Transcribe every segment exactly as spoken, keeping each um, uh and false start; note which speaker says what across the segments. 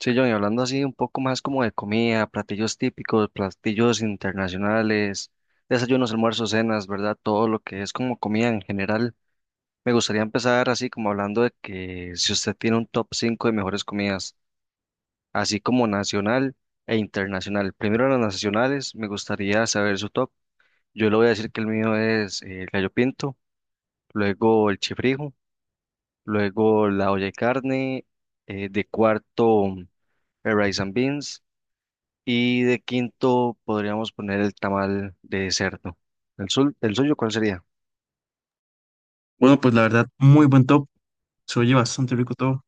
Speaker 1: Sí, John, y hablando así un poco más como de comida, platillos típicos, platillos internacionales, desayunos, almuerzos, cenas, ¿verdad? Todo lo que es como comida en general. Me gustaría empezar así como hablando de que si usted tiene un top cinco de mejores comidas, así como nacional e internacional. Primero las nacionales, me gustaría saber su top. Yo le voy a decir que el mío es eh, el gallo pinto, luego el chifrijo, luego la olla de carne, eh, de cuarto el rice and beans. Y de quinto podríamos poner el tamal de cerdo. ¿El, sul- El suyo, ¿cuál sería?
Speaker 2: Bueno, pues la verdad, muy buen top. Se oye bastante rico todo.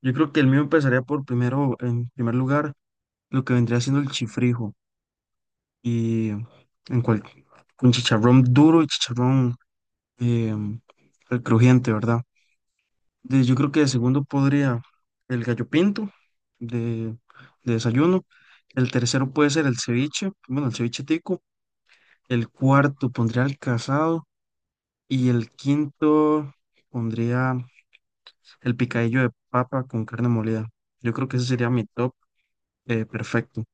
Speaker 2: Yo creo que el mío empezaría por primero, en primer lugar, lo que vendría siendo el chifrijo. Y en cual, con chicharrón duro y chicharrón eh, el crujiente, ¿verdad? De- yo creo que de segundo podría el gallo pinto de, de desayuno. El tercero puede ser el ceviche, bueno, el ceviche tico. El cuarto pondría el casado. Y el quinto pondría. El picadillo de papa con carne molida. Yo creo que ese sería mi top eh, perfecto.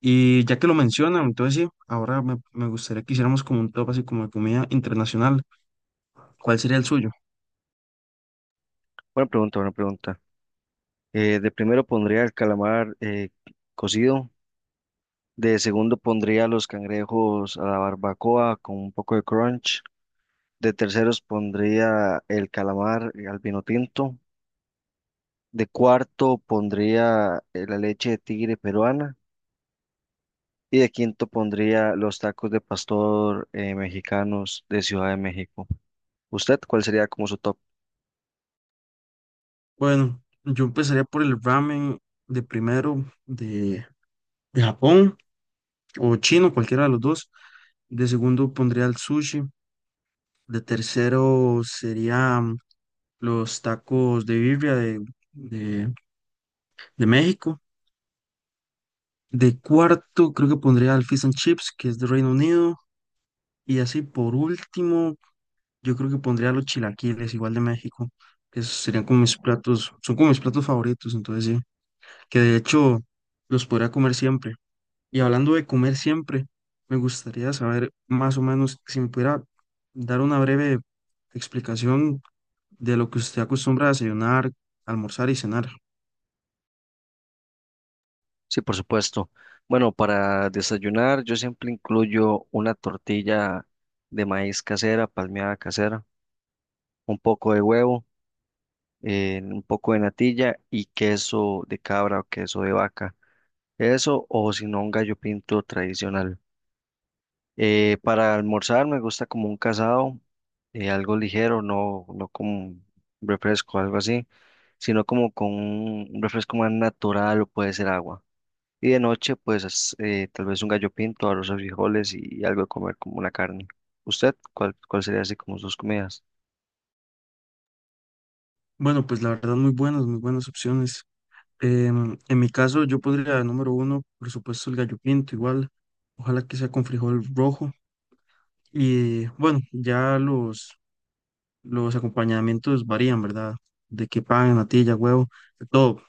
Speaker 2: Y ya que lo mencionan, entonces sí, ahora me, me gustaría que hiciéramos como un top así como de comida internacional. ¿Cuál sería el suyo?
Speaker 1: Buena pregunta, buena pregunta. Eh, de primero pondría el calamar eh, cocido. De segundo pondría los cangrejos a la barbacoa con un poco de crunch. De terceros pondría el calamar eh, al vino tinto. De cuarto pondría eh, la leche de tigre peruana. Y de quinto pondría los tacos de pastor eh, mexicanos de Ciudad de México. ¿Usted cuál sería como su top?
Speaker 2: Bueno, yo empezaría por el ramen de primero de, de Japón o chino, cualquiera de los dos. De segundo pondría el sushi. De tercero sería los tacos de birria de, de, de México. De cuarto, creo que pondría al Fish and Chips, que es de Reino Unido. Y así por último, yo creo que pondría los chilaquiles, igual de México. Que Esos serían como mis platos, son como mis platos favoritos, entonces sí, que de hecho los podría comer siempre. Y hablando de comer siempre, me gustaría saber más o menos si me pudiera dar una breve explicación de lo que usted acostumbra a desayunar, almorzar y cenar.
Speaker 1: Sí, por supuesto. Bueno, para desayunar yo siempre incluyo una tortilla de maíz casera, palmeada casera, un poco de huevo, eh, un poco de natilla y queso de cabra o queso de vaca. Eso o si no un gallo pinto tradicional. Eh, para almorzar me gusta como un casado, eh, algo ligero, no, no como un refresco, algo así, sino como con un refresco más natural o puede ser agua. Y de noche, pues eh, tal vez un gallo pinto, arroz o frijoles y algo de comer como una carne. ¿Usted cuál, cuál sería así como sus comidas?
Speaker 2: Bueno, pues la verdad, muy buenas, muy buenas opciones. Em, en mi caso, yo podría, número uno, por supuesto, el gallo pinto, igual. Ojalá que sea con frijol rojo. Y bueno, ya los, los acompañamientos varían, ¿verdad? De que pan, natilla, huevo, de todo.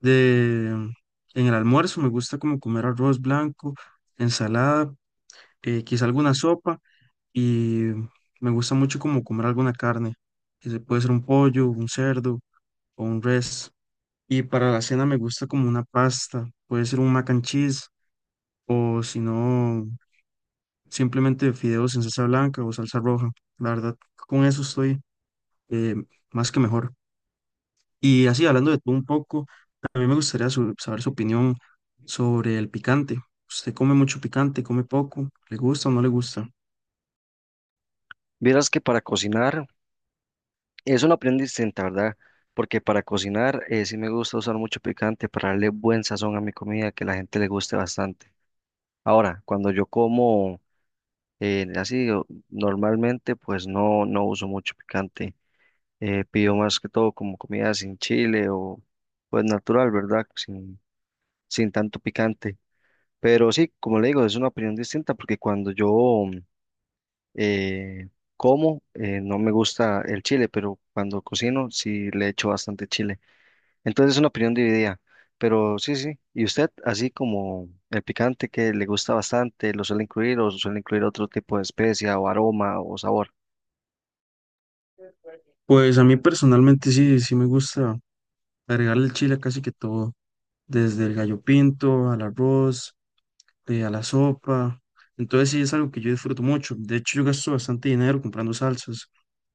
Speaker 2: De, em, en el almuerzo me gusta como comer arroz blanco, ensalada, eh, quizá alguna sopa. Y me gusta mucho como comer alguna carne. Que Se puede ser un pollo, un cerdo o un res. Y para la cena me gusta como una pasta, puede ser un mac and cheese o si no, simplemente fideos en salsa blanca o salsa roja. La verdad, con eso estoy eh, más que mejor. Y así, hablando de todo un poco, a mí me gustaría su- saber su opinión sobre el picante. ¿Usted come mucho picante, come poco? ¿Le gusta o no le gusta?
Speaker 1: Vieras que para cocinar es una prenda distinta, ¿verdad? Porque para cocinar, eh, sí me gusta usar mucho picante para darle buen sazón a mi comida, que la gente le guste bastante. Ahora, cuando yo como, eh, así o- normalmente, pues no, no uso mucho picante. Eh, pido más que todo como comida sin chile o pues natural, ¿verdad? Sin, sin tanto picante. Pero sí, como le digo, es una opinión distinta porque cuando yo eh, como, eh, no me gusta el chile, pero cuando cocino sí le echo bastante chile. Entonces es una opinión dividida. Pero sí, sí. ¿Y usted, así como el picante que le gusta bastante, lo suele incluir o suele incluir otro tipo de especia o aroma o sabor?
Speaker 2: Pues a mí personalmente sí, sí me gusta agregar el chile a casi que todo, desde el gallo pinto al arroz, eh, a la sopa. Entonces sí es algo que yo disfruto mucho. De hecho, yo gasto bastante dinero comprando salsas,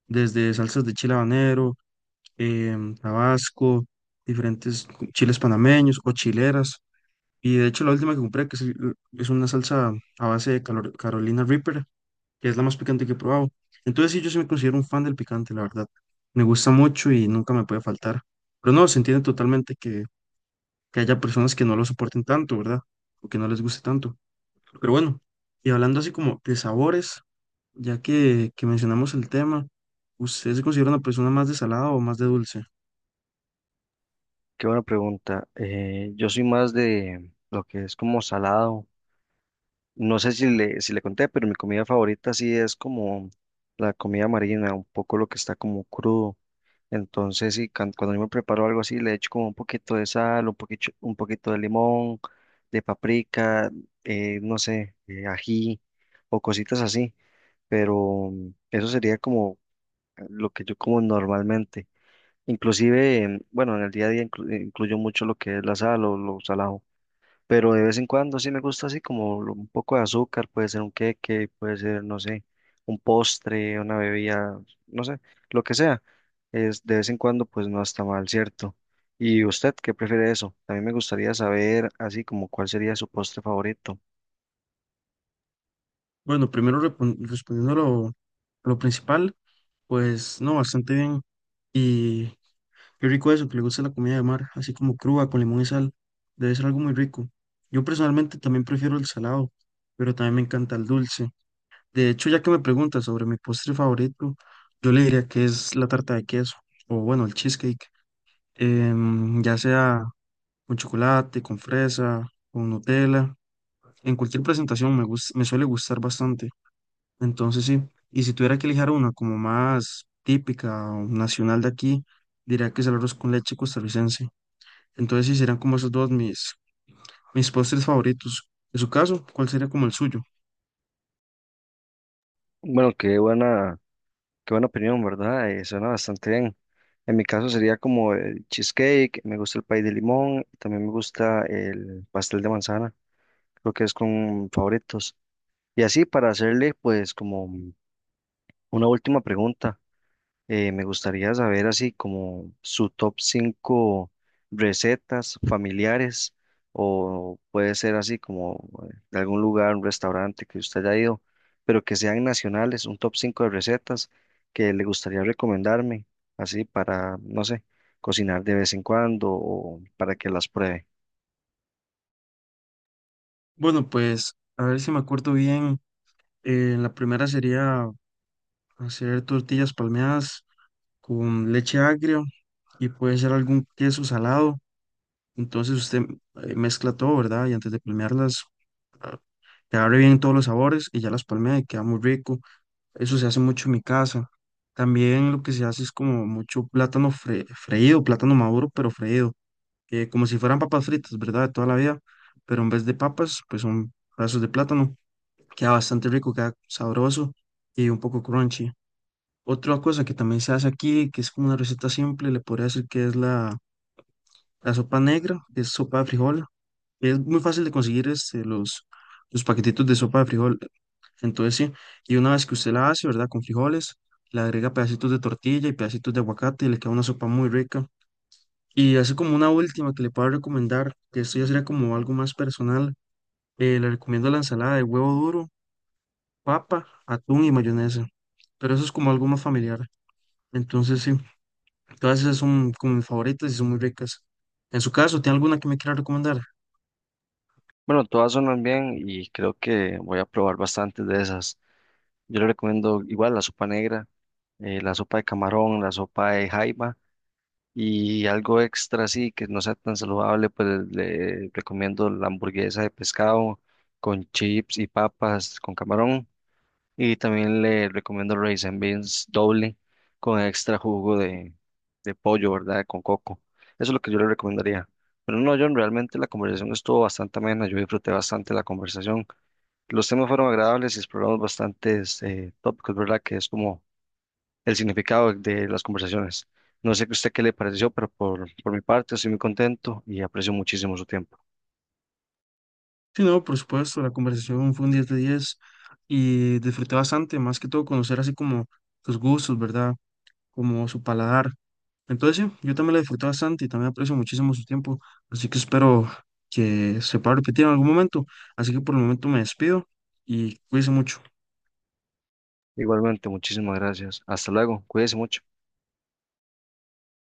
Speaker 2: desde salsas de chile habanero, em, tabasco, diferentes cu- chiles panameños o chileras. Y de hecho la última que compré, que es, el- es una salsa a base de calor- Carolina Reaper, que es la más picante que he probado. Entonces sí, yo sí me considero un fan del picante, la verdad. Me gusta mucho y nunca me puede faltar. Pero no, se entiende totalmente que haya personas que no lo soporten tanto, ¿verdad? O que no les guste tanto. Pero bueno, y hablando así como de sabores, ya que, que mencionamos el tema, ¿usted se considera una persona más de salado o más de dulce?
Speaker 1: Qué buena pregunta. Eh, yo soy más de lo que es como salado. No sé si le, si le conté, pero mi comida favorita sí es como la comida marina, un poco lo que está como crudo. Entonces, sí, can- cuando yo me preparo algo así, le echo como un poquito de sal, un poquito, un poquito de limón, de paprika, eh, no sé, eh, ají o cositas así. Pero mm, eso sería como lo que yo como normalmente. Inclusive, em, bueno, en el día a día inclu- incluyo mucho lo que es la sal o lo salado, pero de vez en cuando sí me gusta así como lo- un poco de azúcar, puede ser un queque, puede ser, no sé, un postre, una bebida, no sé, lo que sea. Es de vez en cuando, pues no está mal, ¿cierto? ¿Y usted qué prefiere eso? También me gustaría saber así como cuál sería su postre favorito.
Speaker 2: Bueno, primero repon- respondiendo a lo, a lo principal, pues no, bastante bien. Y qué rico eso, que le gusta la comida de mar, así como cruda, con limón y sal. Debe ser algo muy rico. Yo personalmente también prefiero el salado, pero también me encanta el dulce. De hecho, ya que me preguntas sobre mi postre favorito, yo le diría que es la tarta de queso, o bueno, el cheesecake, em, ya sea con chocolate, con fresa, con Nutella, en cualquier presentación me gus- me suele gustar bastante. Entonces sí, y si tuviera que elegir una como más típica o nacional de aquí, diría que es el arroz con leche costarricense. Entonces sí, serían como esos dos mis, mis postres favoritos. En su caso, ¿cuál sería como el suyo?
Speaker 1: Bueno, qué buena, qué buena opinión, ¿verdad? Eh, suena bastante bien. En mi caso sería como el cheesecake, me gusta el pay de limón, también me gusta el pastel de manzana, creo que es con favoritos. Y así para hacerle pues como una última pregunta, eh, me gustaría saber así como su top cinco recetas familiares o puede ser así como eh, de algún lugar, un restaurante que usted haya ido, pero que sean nacionales, un top cinco de recetas que le gustaría recomendarme, así para, no sé, cocinar de vez en cuando o para que las pruebe.
Speaker 2: Bueno, pues a ver si me acuerdo bien. Eh, la primera sería hacer tortillas palmeadas con leche agria y puede ser algún queso salado. Entonces usted eh, mezcla todo, ¿verdad? Y antes de palmearlas, ah, que abre bien todos los sabores y ya las palmea y queda muy rico. Eso se hace mucho en mi casa. También lo que se hace es como mucho plátano fre- freído, plátano maduro, pero freído, eh, como si fueran papas fritas, ¿verdad? De toda la vida. Pero en vez de papas, pues son pedazos de plátano. Queda bastante rico, queda sabroso y un poco crunchy. Otra cosa que también se hace aquí, que es como una receta simple, le podría decir que es la, la sopa negra, que es sopa de frijol. Es muy fácil de conseguir este, los, los paquetitos de sopa de frijol. Entonces, sí, y una vez que usted la hace, ¿verdad? Con frijoles, le agrega pedacitos de tortilla y pedacitos de aguacate y le queda una sopa muy rica. Y así como una última que le puedo recomendar, que esto ya sería como algo más personal, eh, le recomiendo la ensalada de huevo duro, papa, atún y mayonesa. Pero eso es como algo más familiar. Entonces, sí. Todas esas son como mis favoritas y son muy ricas. En su caso, ¿tiene alguna que me quiera recomendar?
Speaker 1: Bueno, todas son bien y creo que voy a probar bastantes de esas. Yo le recomiendo igual la sopa negra, eh, la sopa de camarón, la sopa de jaiba y algo extra así que no sea tan saludable, pues le recomiendo la hamburguesa de pescado con chips y papas con camarón, y también le recomiendo raisin beans doble con extra jugo de, de pollo, ¿verdad? Con coco. Eso es lo que yo le recomendaría. Pero no, John, realmente la conversación estuvo bastante amena, yo disfruté bastante la conversación. Los temas fueron agradables y exploramos bastantes eh, tópicos, ¿verdad? Que es como el significado de las conversaciones. No sé a usted qué le pareció, pero por, por mi parte estoy muy contento y aprecio muchísimo su tiempo.
Speaker 2: Sí, no, por supuesto, la conversación fue un diez de diez y disfruté bastante, más que todo conocer así como sus gustos, ¿verdad? Como su paladar. Entonces, sí, yo también la disfruté bastante y también aprecio muchísimo su tiempo, así que espero que se pueda repetir en algún momento. Así que por el momento me despido y cuídense mucho.
Speaker 1: Igualmente, muchísimas gracias. Hasta luego. Cuídese mucho.